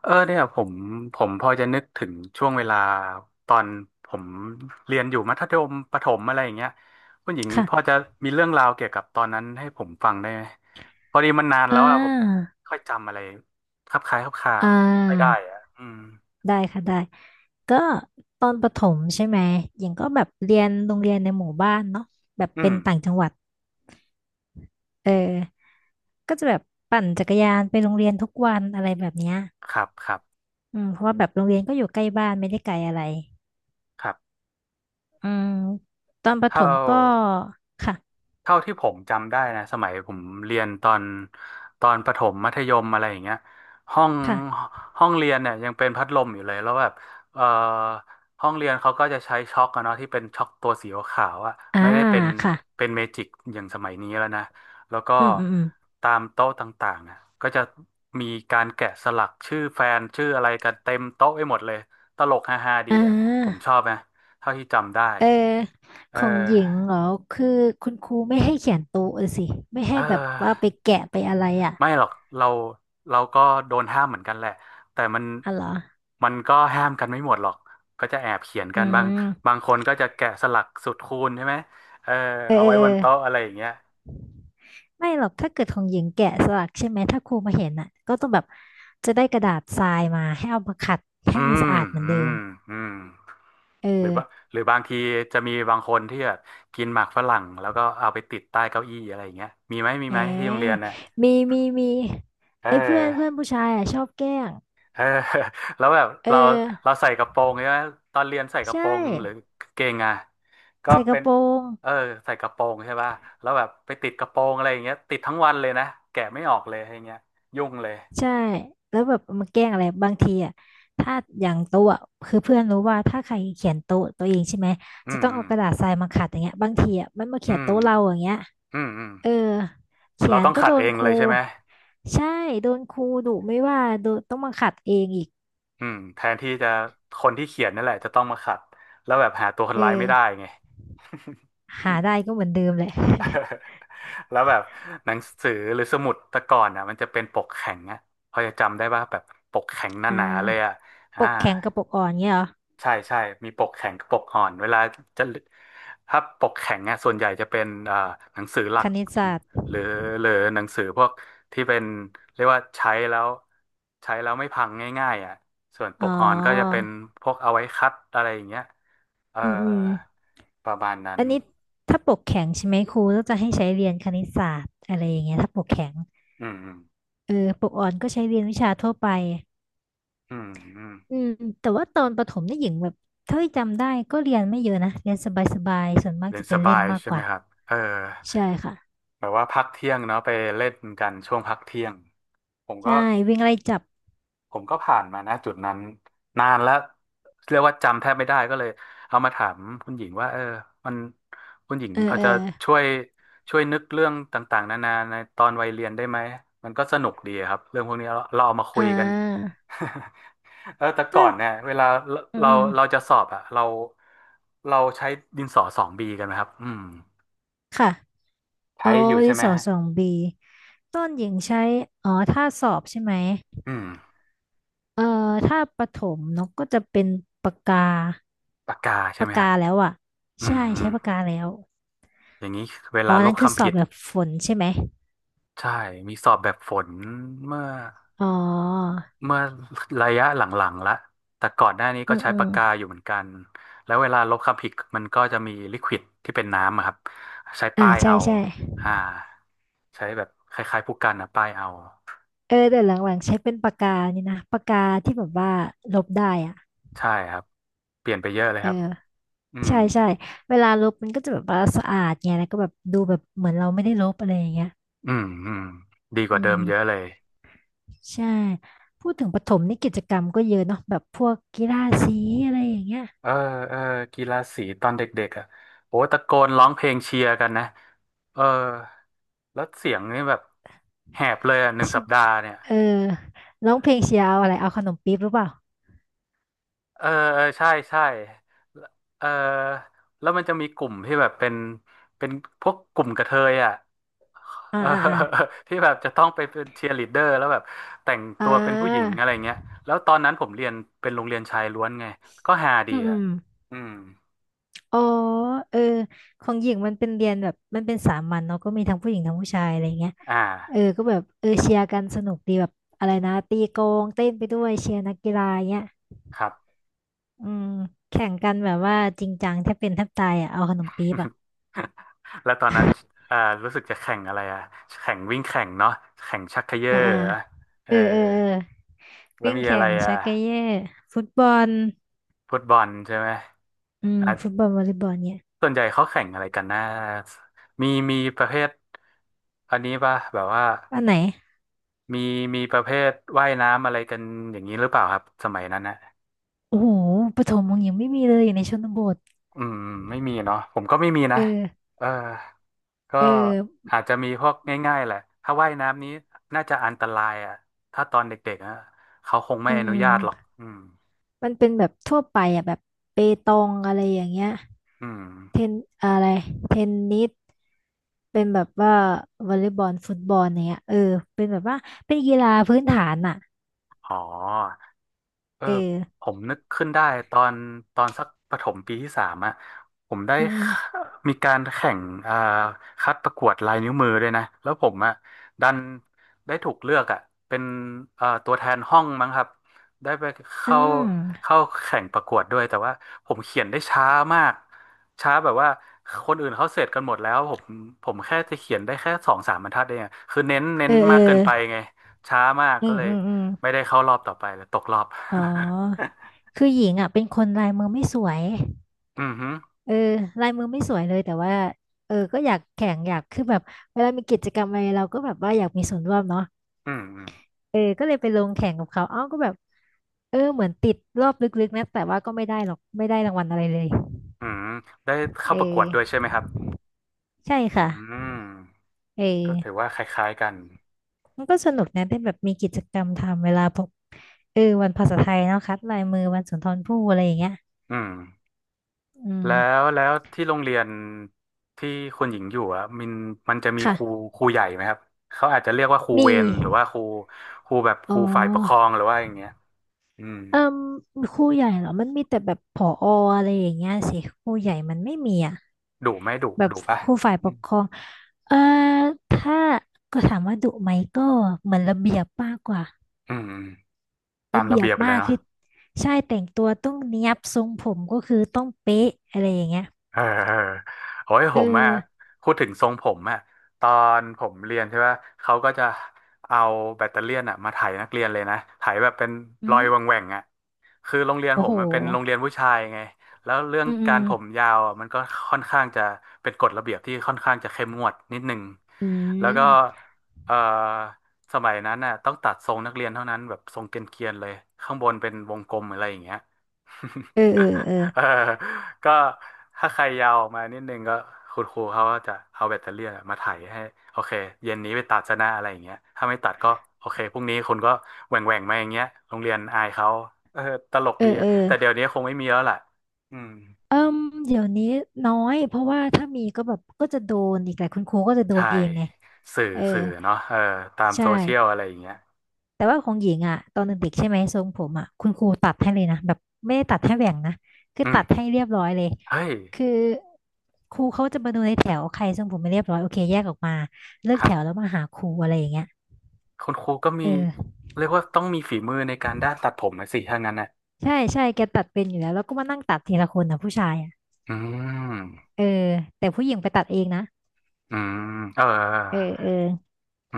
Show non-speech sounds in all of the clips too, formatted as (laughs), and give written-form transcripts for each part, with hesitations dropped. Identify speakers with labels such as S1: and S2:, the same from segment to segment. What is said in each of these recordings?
S1: เออเนี่ยผมพอจะนึกถึงช่วงเวลาตอนผมเรียนอยู่มัธยมประถมอะไรอย่างเงี้ยคุณหญิงพอ
S2: ค่ะ
S1: จะมีเรื่องราวเกี่ยวกับตอนนั้นให้ผมฟังได้ไหมพอดีมันนานแล้
S2: อ่า
S1: วอ่ะผมไม่ค่อยจำอะไรคลับคล้ายคลับคลา
S2: อ่
S1: ไม่ค่อยได้
S2: า
S1: อ่ะอืม
S2: ได้ค่ะได้ ก็ตอนประถมใช่ไหมยังก็แบบเรียนโรงเรียนในหมู่บ้านเนาะแบบ
S1: อื
S2: เป็
S1: ม
S2: นต่างจังหวัด เออก็จะแบบปั่นจักรยานไปโรงเรียนทุกวันอะไรแบบเนี้ย
S1: ครับครับ
S2: อืมเพราะว่าแบบโรงเรียนก็อยู่ใกล้บ้านไม่ได้ไกลอะไร
S1: ครับ
S2: อืมตอนประถ
S1: เท่า
S2: มก็ค่ะ
S1: เท่าที่ผมจำได้นะสมัยผมเรียนตอนประถมมัธยมอะไรอย่างเงี้ยห้อง
S2: ค่ะ
S1: ห้องเรียนเนี่ยยังเป็นพัดลมอยู่เลยแล้วแบบเอ่อห้องเรียนเขาก็จะใช้ช็อคอะเนาะที่เป็นช็อคตัวสีขาวๆอะ
S2: อ่า
S1: ไม่ได้เป็น
S2: ค่ะ
S1: เป็นเมจิกอย่างสมัยนี้แล้วนะแล้วก็
S2: อืมอืมอืม
S1: ตามโต๊ะต่างๆนะก็จะมีการแกะสลักชื่อแฟนชื่ออะไรกันเต็มโต๊ะไปหมดเลยตลกฮาๆดี
S2: อ่
S1: อะผมชอ
S2: า
S1: บนะเท่าที่จำได้
S2: เออ
S1: เอ
S2: ของหญิง
S1: อ
S2: เหรอ คือคุณครูไม่ให้เขียนโต๊ะเลยสิ ไม่
S1: เอ
S2: ให้แบบว่าไป
S1: อ
S2: แกะไปอะไรอ่ะ
S1: ไม่หรอกเราเราก็โดนห้ามเหมือนกันแหละแต่มัน
S2: อ๋อเหรอ
S1: มันก็ห้ามกันไม่หมดหรอกก็จะแอบเขียน
S2: อื
S1: กันบางบา
S2: ม
S1: งคนก็จะแกะสลักสูตรคูณใช่ไหมเออ
S2: เออ
S1: เอา
S2: เออ
S1: ไว้
S2: เอ
S1: บน
S2: อ
S1: โต๊ะอะไรอย่างเงี้ย
S2: ไม่หรอกถ้าเกิดของหญิงแกะสลักใช่ไหมถ้าครูมาเห็นอ่ะก็ต้องแบบจะได้กระดาษทรายมาให้เอามาขัดให้
S1: อื
S2: มันสะ
S1: ม
S2: อาดเหมือน
S1: อื
S2: เดิม
S1: มอืม
S2: เอ
S1: หรือ
S2: อ
S1: ว่าหรือบางทีจะมีบางคนที่แบบกินหมากฝรั่งแล้วก็เอาไปติดใต้เก้าอี้อะไรอย่างเงี้ยมีไหมมี
S2: เอ
S1: ไหมที่โรงเรียน
S2: อ
S1: น่ะ
S2: มี มี มี
S1: เ
S2: ไอ้เพื่อนเพื่อน
S1: ออ
S2: ผู้ชายอ่ะชอบแกล้ง
S1: เออ (laughs) แล้วแบบ
S2: เออ
S1: เราใส่กระโปรงใช่ไหมตอนเรียนใส่กระ
S2: ใช่
S1: โปรงหรือกางเกงอ่ะก็
S2: ใส่ก
S1: เป็
S2: ระ
S1: น
S2: โปรง
S1: เออใส่กระโปรงใช่ป่ะแล้วแบบไปติดกระโปรงอะไรอย่างเงี้ยติดทั้งวันเลยนะแกะไม่ออกเลยอย่างเงี้ยยุ่งเลย
S2: ใช่แล้วแบบมาแกล้งอะไรบางทีอ่ะถ้าอย่างโต๊ะอะคือเพื่อนรู้ว่าถ้าใครเขียนโต๊ะตัวเองใช่ไหม
S1: อื
S2: จะ
S1: ม
S2: ต้อง
S1: อื
S2: เอา
S1: ม
S2: กระดาษทรายมาขัดอย่างเงี้ยบางทีอ่ะมันมาเขี
S1: อื
S2: ยน
S1: ม
S2: โต๊ะเราอย่างเงี้ย
S1: อืมอืม
S2: เออเขี
S1: เรา
S2: ยน
S1: ต้อง
S2: ก็
S1: ขั
S2: โด
S1: ดเอ
S2: น
S1: ง
S2: ค
S1: เล
S2: รู
S1: ยใช่ไหม
S2: ใช่โดนครูดุไม่ว่าโดนต้องมาขัดเองอีก
S1: อืมแทนที่จะคนที่เขียนนั่นแหละจะต้องมาขัดแล้วแบบหาตัวคน
S2: เอ
S1: ร้ายไม่ได้
S2: อ
S1: ไง
S2: หาได้ก็เหมือนเดิมแหละ (laughs)
S1: (laughs) แล้วแบบหนังสือหรือสมุดแต่ก่อนอ่ะมันจะเป็นปกแข็งอ่ะพอจะจำได้ป่ะแบบปกแข็งห
S2: อ่
S1: นาๆเลย
S2: า
S1: อ่ะอ่า
S2: ปกแข็งกับปกอ่อนเงี้ยเหรอ
S1: ใช่ใช่มีปกแข็งกับปกอ่อนเวลาจะถ้าปกแข็งอ่ะส่วนใหญ่จะเป็นหนังสือหลั
S2: ค
S1: ก
S2: ณิตศาสตร์
S1: หรือหรือหนังสือพวกที่เป็นเรียกว่าใช้แล้วใช้แล้วไม่พังง่ายๆอ่ะส่วนป
S2: อ๋อ
S1: กอ่อนก็จะเป็นพวกเอาไว้คัดอะไรอย่างเงี้ยเอ่อ
S2: อืมอืม
S1: ประมาณนั้น
S2: อันนี้ถ้าปกแข็งใช่ไหมครูก็จะให้ใช้เรียนคณิตศาสตร์อะไรอย่างเงี้ยถ้าปกแข็ง
S1: อืมอืม
S2: เออปกอ่อนก็ใช้เรียนวิชาทั่วไป
S1: อื
S2: อื
S1: ม
S2: มแต่ว่าตอนประถมนี่หญิงแบบเท่าที่จำได้ก็เรียนไม่เยอะนะ เรียนสบายๆส่วนมาก
S1: เรียน
S2: จะ
S1: ส
S2: เป็นเล่
S1: บา
S2: น
S1: ย
S2: มาก
S1: ใช่
S2: ก
S1: ไหม
S2: ว่า
S1: ครับเออ
S2: ใช่ค่ะ
S1: แบบว่าพักเที่ยงเนาะไปเล่นกันช่วงพักเที่ยงผมก็
S2: ใช่วิ่งไล่จับ
S1: ผมก็ผ่านมานะจุดนั้นนานแล้วเรียกว่าจำแทบไม่ได้ก็เลยเอามาถามคุณหญิงว่าเออมันคุณหญิง
S2: เอ
S1: พ
S2: อ
S1: อ
S2: เออ
S1: จะช่วยช่วยนึกเรื่องต่างๆนานาในตอนวัยเรียนได้ไหมมันก็สนุกดีครับเรื่องพวกนี้เราเราเอามาคุ
S2: อ่
S1: ยกัน
S2: า
S1: (laughs) เออแต่ก่
S2: ก็
S1: อนเนี่ยเวลาเรา
S2: อื
S1: เรา
S2: ม
S1: เราจะสอบอะเราใช้ดินสอสองบีกันไหมครับอืม
S2: ค่ะโอ้
S1: ใช้อยู่
S2: ดิ
S1: ใช่
S2: น
S1: ไหม
S2: สอ
S1: ฮะ
S2: สองบีต้นหญิงใช้อ๋อถ้าสอบใช่ไหม
S1: อืม
S2: เออถ้าประถมนกก็จะเป็นปากกา
S1: ปากกาใช่ไห
S2: ปา
S1: ม
S2: ก
S1: ครั
S2: กา
S1: บ
S2: แล้วอ่ะ
S1: อื
S2: ใช่ใช้
S1: ม
S2: ปากกาแล้ว
S1: อย่างนี้เว
S2: อ๋
S1: ลา
S2: อ
S1: ล
S2: นั่
S1: บ
S2: นคือส
S1: คำ
S2: อ
S1: ผิ
S2: บ
S1: ด
S2: แบบฝนใช่ไหม
S1: ใช่มีสอบแบบฝนเมื่อ
S2: อ๋อ
S1: เมื่อระยะหลังๆละแต่ก่อนหน้านี้
S2: อื
S1: ก็
S2: ม
S1: ใช้
S2: อืม
S1: ปากกาอยู่เหมือนกันแล้วเวลาลบคำผิดมันก็จะมีลิควิดที่เป็นน้ำอะครับใช้
S2: อ่า
S1: ป้าย
S2: ใช่
S1: เอา
S2: ใช่
S1: อ่าใช้แบบคล้ายๆผู้กันนะป้ายเอา
S2: เออแต่หลังๆใช้เป็นปากกานี่นะปากกาที่แบบว่าลบได้อ่ะ
S1: ใช่ครับเปลี่ยนไปเยอะเลย
S2: เอ
S1: ครับ
S2: อ
S1: อืม
S2: ใช่ใช่เวลาลบมันก็จะแบบว่าสะอาดไงแล้วก็แบบดูแบบเหมือนเราไม่ได้ลบอะไรอย่างเงี้ย
S1: อืม อืม ดีกว่า
S2: อื
S1: เดิม
S2: ม
S1: เยอะเลย
S2: ใช่พูดถึงประถมนี่กิจกรรมก็เยอะเนาะแบบพวกกีฬาสีอะไรอย่างเงี้ย
S1: เออเออกีฬาสีตอนเด็กๆอ่ะโอ้ตะโกนร้องเพลงเชียร์กันนะเออแล้วเสียงนี่แบบแหบเลยอ่ะหนึ่ง
S2: ชิ
S1: สัปดาห์เนี่ย
S2: เออร้องเพลงเชียร์เอาอะไรเอาขนมปี๊บหรือเปล่า
S1: เออเออใช่ใช่เออแล้วมันจะมีกลุ่มที่แบบเป็นเป็นพวกกลุ่มกระเทยอ่ะ
S2: อ่า
S1: เออ
S2: อ่าอ่า
S1: (laughs) ที่แบบจะต้องไปเป็นเชียร์ลีดเดอร์แล้วแบบแต่ง
S2: อ่
S1: ตัวเป็นผู้หญิง
S2: า
S1: อะไรเงี้ยแล้วตอนนั้นผมเรียนเป็นโรงเรียนชายล้วนไงก็ฮาดี
S2: อืมอื
S1: อ่ะ
S2: ม
S1: อืม
S2: อ๋อเออของหญิงมันเป็นเรียนแบบมันเป็นสามัญเนาะก็มีทั้งผู้หญิงทั้งผู้ชายอะไรเงี้ย
S1: อ่า
S2: เออก็แบบเออเชียร์กันสนุกดีแบบอะไรนะตีโกงเต้นไปด้วยเชียร์นักกีฬาเงี้ย
S1: ครับ
S2: อืมแข่งกันแบบว่าจริงจังแทบเป็นแทบตายอ่ะเอาขนมปี๊บอ่ะ
S1: (laughs) แล้วตอนนั้นอ่ารู้สึกจะแข่งอะไรอ่ะแข่งวิ่งแข่งเนาะแข่งชักเขย่อ
S2: อ่าอ่า
S1: เหรอเอ
S2: เอ
S1: อ
S2: อเออเออ
S1: แล้ว
S2: วิ่ง
S1: มีอะ
S2: แข่
S1: ไร
S2: ง
S1: อ่ะ
S2: ชักเกเย่ฟุตบอล
S1: ฟุตบอลใช่ไหม
S2: อืม
S1: อ่ะ
S2: ฟุตบอลวอลเลย์บอลเนี่ย
S1: ส่วนใหญ่เขาแข่งอะไรกันนะมีประเภทอันนี้ป่ะแบบว่า
S2: อันไหน
S1: มีมีประเภทว่ายน้ำอะไรกันอย่างนี้หรือเปล่าครับสมัยนั้นนะ
S2: โอ้โหปฐมของหญิงไม่มีเลยอยู่ในชนบท
S1: อืมไม่มีเนาะผมก็ไม่มี
S2: เอ
S1: นะ
S2: อ
S1: เออ ก็
S2: เออ
S1: อาจจะมีพวกง่ายๆแหละ ถ้าว่ายน้ำนี้น่าจะอันตรายอ่ะถ้าตอนเด็กๆนะเขาคงไม่
S2: อื
S1: อนุญาตหรอก
S2: ม
S1: อืม
S2: มันเป็นแบบทั่วไปอ่ะแบบเปตองอะไรอย่างเงี้ย
S1: อืม
S2: เทนอะไรเทนนิสเป็นแบบว่าวอลเลย์บอลฟุตบอลเนี้ยเออเป็นแบบว่าเป็นกีฬาพื้นฐานอ่ะ
S1: อ๋อ เออ
S2: เออ
S1: ผมนึกขึ้นได้ตอนตอนสักประถมปีที่สามอ่ะผมได้
S2: อืม
S1: มีการแข่งอ่าคัดประกวดลายนิ้วมือด้วยนะแล้วผมอ่ะดันได้ถูกเลือกอ่ะเป็นตัวแทนห้องมั้งครับได้ไป
S2: อื
S1: เข้า
S2: มอืม
S1: เข้าแข่งประกวดด้วยแต่ว่าผมเขียนได้ช้ามากช้าแบบว่าคนอื่นเขาเสร็จกันหมดแล้วผมแค่จะเขียนได้แค่สองสามบรรทัดเองอะคือเน้นเน้
S2: เอ
S1: น
S2: อเออ
S1: มากเกินไปไงช้ามาก
S2: อื
S1: ก็
S2: ม
S1: เลย
S2: อืมอืม
S1: ไม่ได้เข้ารอบต่อไปเลยตกรอบ
S2: อ๋อ
S1: (laughs)
S2: คือหญิงอ่ะเป็นคนลายมือไม่สวย
S1: อืมฮึ
S2: เออลายมือไม่สวยเลยแต่ว่าเออก็อยากแข่งอยากคือแบบเวลามีกิจกรรมอะไรเราก็แบบว่าอยากมีส่วนร่วมเนาะ
S1: อืมอืม
S2: เออก็เลยไปลงแข่งกับเขาเอ้าก็แบบเออเหมือนติดรอบลึกๆนะแต่ว่าก็ไม่ได้หรอกไม่ได้รางวัลอะไรเลย
S1: อืมได้เข้า
S2: เอ
S1: ประกว
S2: อ
S1: ดด้วยใช่ไหมครับ
S2: ใช่
S1: อื
S2: ค่ะ
S1: ม
S2: เออ
S1: ก็ถือว่าคล้ายๆกัน
S2: มันก็สนุกนะได้แบบมีกิจกรรมทำเวลาพบเออวันภาษาไทยเนาะคัดลายมือวันสุนทรภู่อะไรอย่างเงี้ย
S1: อืม
S2: อืม
S1: แล้วที่โรงเรียนที่คุณหญิงอยู่อ่ะมันมันจะมีครู
S2: ค่ะ
S1: ใหญ่ไหมครับเขาอาจจะเรียกว่าครูเว
S2: มี
S1: รหรือว่าครูครูแบบค
S2: อ๋อ
S1: รูฝ่ายปกครองหรือว่าอย่างเงี้ยอืม
S2: เอ่มครูใหญ่เหรอมันมีแต่แบบผออะไรอย่างเงี้ยสิครูใหญ่มันไม่มีอ่ะ
S1: ดุไหม่ดุ
S2: แบบ
S1: ดุป่ะ
S2: ครูฝ่าย
S1: อื
S2: ปก
S1: ม
S2: ครองเอ่อถ้าก็ถามว่าดุไหมก็เหมือนระเบียบมากกว่า
S1: อืมตาม
S2: ระ
S1: ระ
S2: เบียบ
S1: เบียบเล
S2: มา
S1: ย
S2: ก
S1: เนาะ
S2: คือใช่แต่งตัวต้องเนียบทรงผมก็คือต้องเป๊ะอะไรอย่างเงี้ย
S1: เออเออโอ้ย
S2: เอ
S1: ผ
S2: อ
S1: มอ่ะพูดถึงทรงผมอ่ะตอนผมเรียนใช่ปะเขาก็จะเอาแบตเตอเลียนอ่ะมาไถนักเรียนเลยนะไถแบบเป็น
S2: อื
S1: รอย
S2: ม
S1: แหว่งๆอ่ะคือโรงเรียน
S2: โอ้
S1: ผม
S2: โห
S1: มันเป็นโรงเรียนผู้ชายไงแล้วเรื่อง
S2: อืมอื
S1: กา
S2: ม
S1: รผมยาวอ่ะมันก็ค่อนข้างจะเป็นกฎระเบียบที่ค่อนข้างจะเข้มงวดนิดนึง
S2: อื
S1: แล้วก็
S2: ม
S1: เออสมัยนั้นน่ะต้องตัดทรงนักเรียนเท่านั้นแบบทรงเกรียนๆเลยข้างบนเป็นวงกลมอะไรอย่างเงี้ย
S2: เออเออเออ
S1: เออก็ถ้าใครยาวออกมานิดนึงก็คุณครูเขาก็จะเอาแบตเตอรี่อะมาไถ่ายให้โอเคเย็นนี้ไปตัดซะนะอะไรอย่างเงี้ยถ้าไม่ตัดก็โอเคพรุ่งนี้คุณก็แหว่งแหว่งมาอย่างเงี้ยโรงเรียนอายเขาเออตลก
S2: เอ
S1: ดี
S2: อเอ
S1: อะ
S2: อ
S1: แต่เดี๋ยวนี้คงไม่มีแล้วแหละอืม
S2: เอิ่มเดี๋ยวนี้น้อยเพราะว่าถ้ามีก็แบบก็จะโดนอีกแหละคุณครูก็จะโดน
S1: ใช่
S2: เองไง
S1: สื่อ
S2: เออ
S1: สื่อเนาะเออตาม
S2: ใช่
S1: โซเชียลอะไรอย่างเงี้ย
S2: แต่ว่าของหญิงอ่ะตอนเด็กๆใช่ไหมทรงผมอ่ะคุณครูตัดให้เลยนะแบบไม่ได้ตัดให้แหว่งนะคือ
S1: อืม
S2: ตัดให้เรียบร้อยเลย
S1: เฮ้ย
S2: คือครูเขาจะมาดูในแถวใครทรงผมไม่เรียบร้อยโอเคแยกออกมาเลิก
S1: ครั
S2: แถ
S1: บ
S2: วแล้วมาหาครูอะไรอย่างเงี้ย
S1: คุณครูก็มี
S2: เออ
S1: เรียกว่าต้องมีฝีมือในการด้านตัดผมนะสิถ้างั้นนะ
S2: ใช่ใช่แกตัดเป็นอยู่แล้วแล้วก็มานั่งตัดทีละคนนะผู้ชายอ่ะ
S1: อืม
S2: เออแต่ผู้หญิงไปตัดเองนะ
S1: อืมเอ
S2: เออ
S1: อ
S2: เออ
S1: อื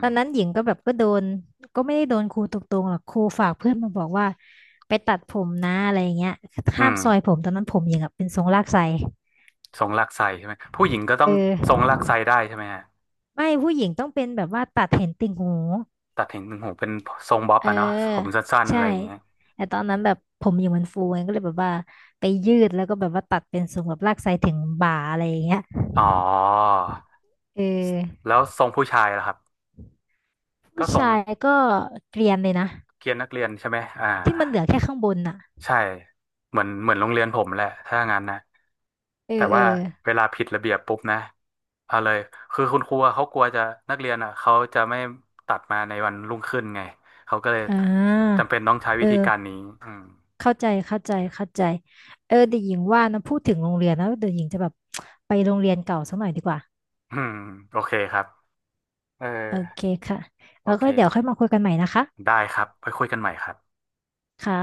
S2: ตอนนั้นหญิงก็แบบก็โดนก็ไม่ได้โดนครูตรงๆหรอกครูฝากเพื่อนมาบอกว่าไปตัดผมนะอะไรอย่างเงี้ย
S1: อื
S2: ห้าม
S1: ม
S2: ซอยผมตอนนั้นผมหญิงอะเป็นทรงลากไส
S1: ทรงลากไส้ใช่ไหมผู้หญิงก็ต้อ
S2: เอ
S1: งทรง
S2: อ
S1: ลากไส้ได้ใช่ไหมฮะ
S2: ไม่ผู้หญิงต้องเป็นแบบว่าตัดเห็นติ่งหู
S1: ตัดเห็นหนึ่งหูเป็นทรงบ๊อบ
S2: เ
S1: อะเนาะผม
S2: ออ
S1: สั้นๆอะ
S2: ใช่
S1: ไรอย่างเงี้ย
S2: แต่ตอนนั้นแบบผมหญิงมันฟูไงก็เลยแบบว่าไปยืดแล้วก็แบบว่าตัดเป็นทรงแบบลากไสถึงบ่าอะไรอย่างเงี้ย
S1: อ๋อ
S2: เออ
S1: แล้วทรงผู้ชายล่ะครับก็
S2: ผู้
S1: ทรง
S2: ชายก็เกรียนเลยนะ
S1: เกรียนนักเรียนใช่ไหมอ่า
S2: ที่มันเหลือแค่ข้างบนน่ะ
S1: ใช่เหมือนโรงเรียนผมแหละถ้างั้นนะ
S2: เอ
S1: แต่
S2: อเออ
S1: ว่าเวลาผิดระเบียบปุ๊บนะเอาเลยคือคุณครูอะเขากลัวจะนักเรียนอ่ะเขาจะไม่ตัดมาในวันรุ่งขึ้นไงเขาก็เลย
S2: อ่า
S1: จำเป็นต้องใช้วิ
S2: เอ
S1: ธี
S2: อ
S1: การนี้อืม
S2: เข้าใจเข้าใจเข้าใจเออเดี๋ยวหญิงว่านะพูดถึงโรงเรียนนะเดี๋ยวหญิงจะแบบไปโรงเรียนเก่าสักหน่อยดีกว่า
S1: อืมโอเคครับ เออ
S2: โอเคค่ะ
S1: โอ
S2: แล้ว
S1: เค
S2: ก็เดี๋ยวค่อยมาคุยกันใหม่นะคะ
S1: ได้ครับไปคุยกันใหม่ครับ
S2: ค่ะ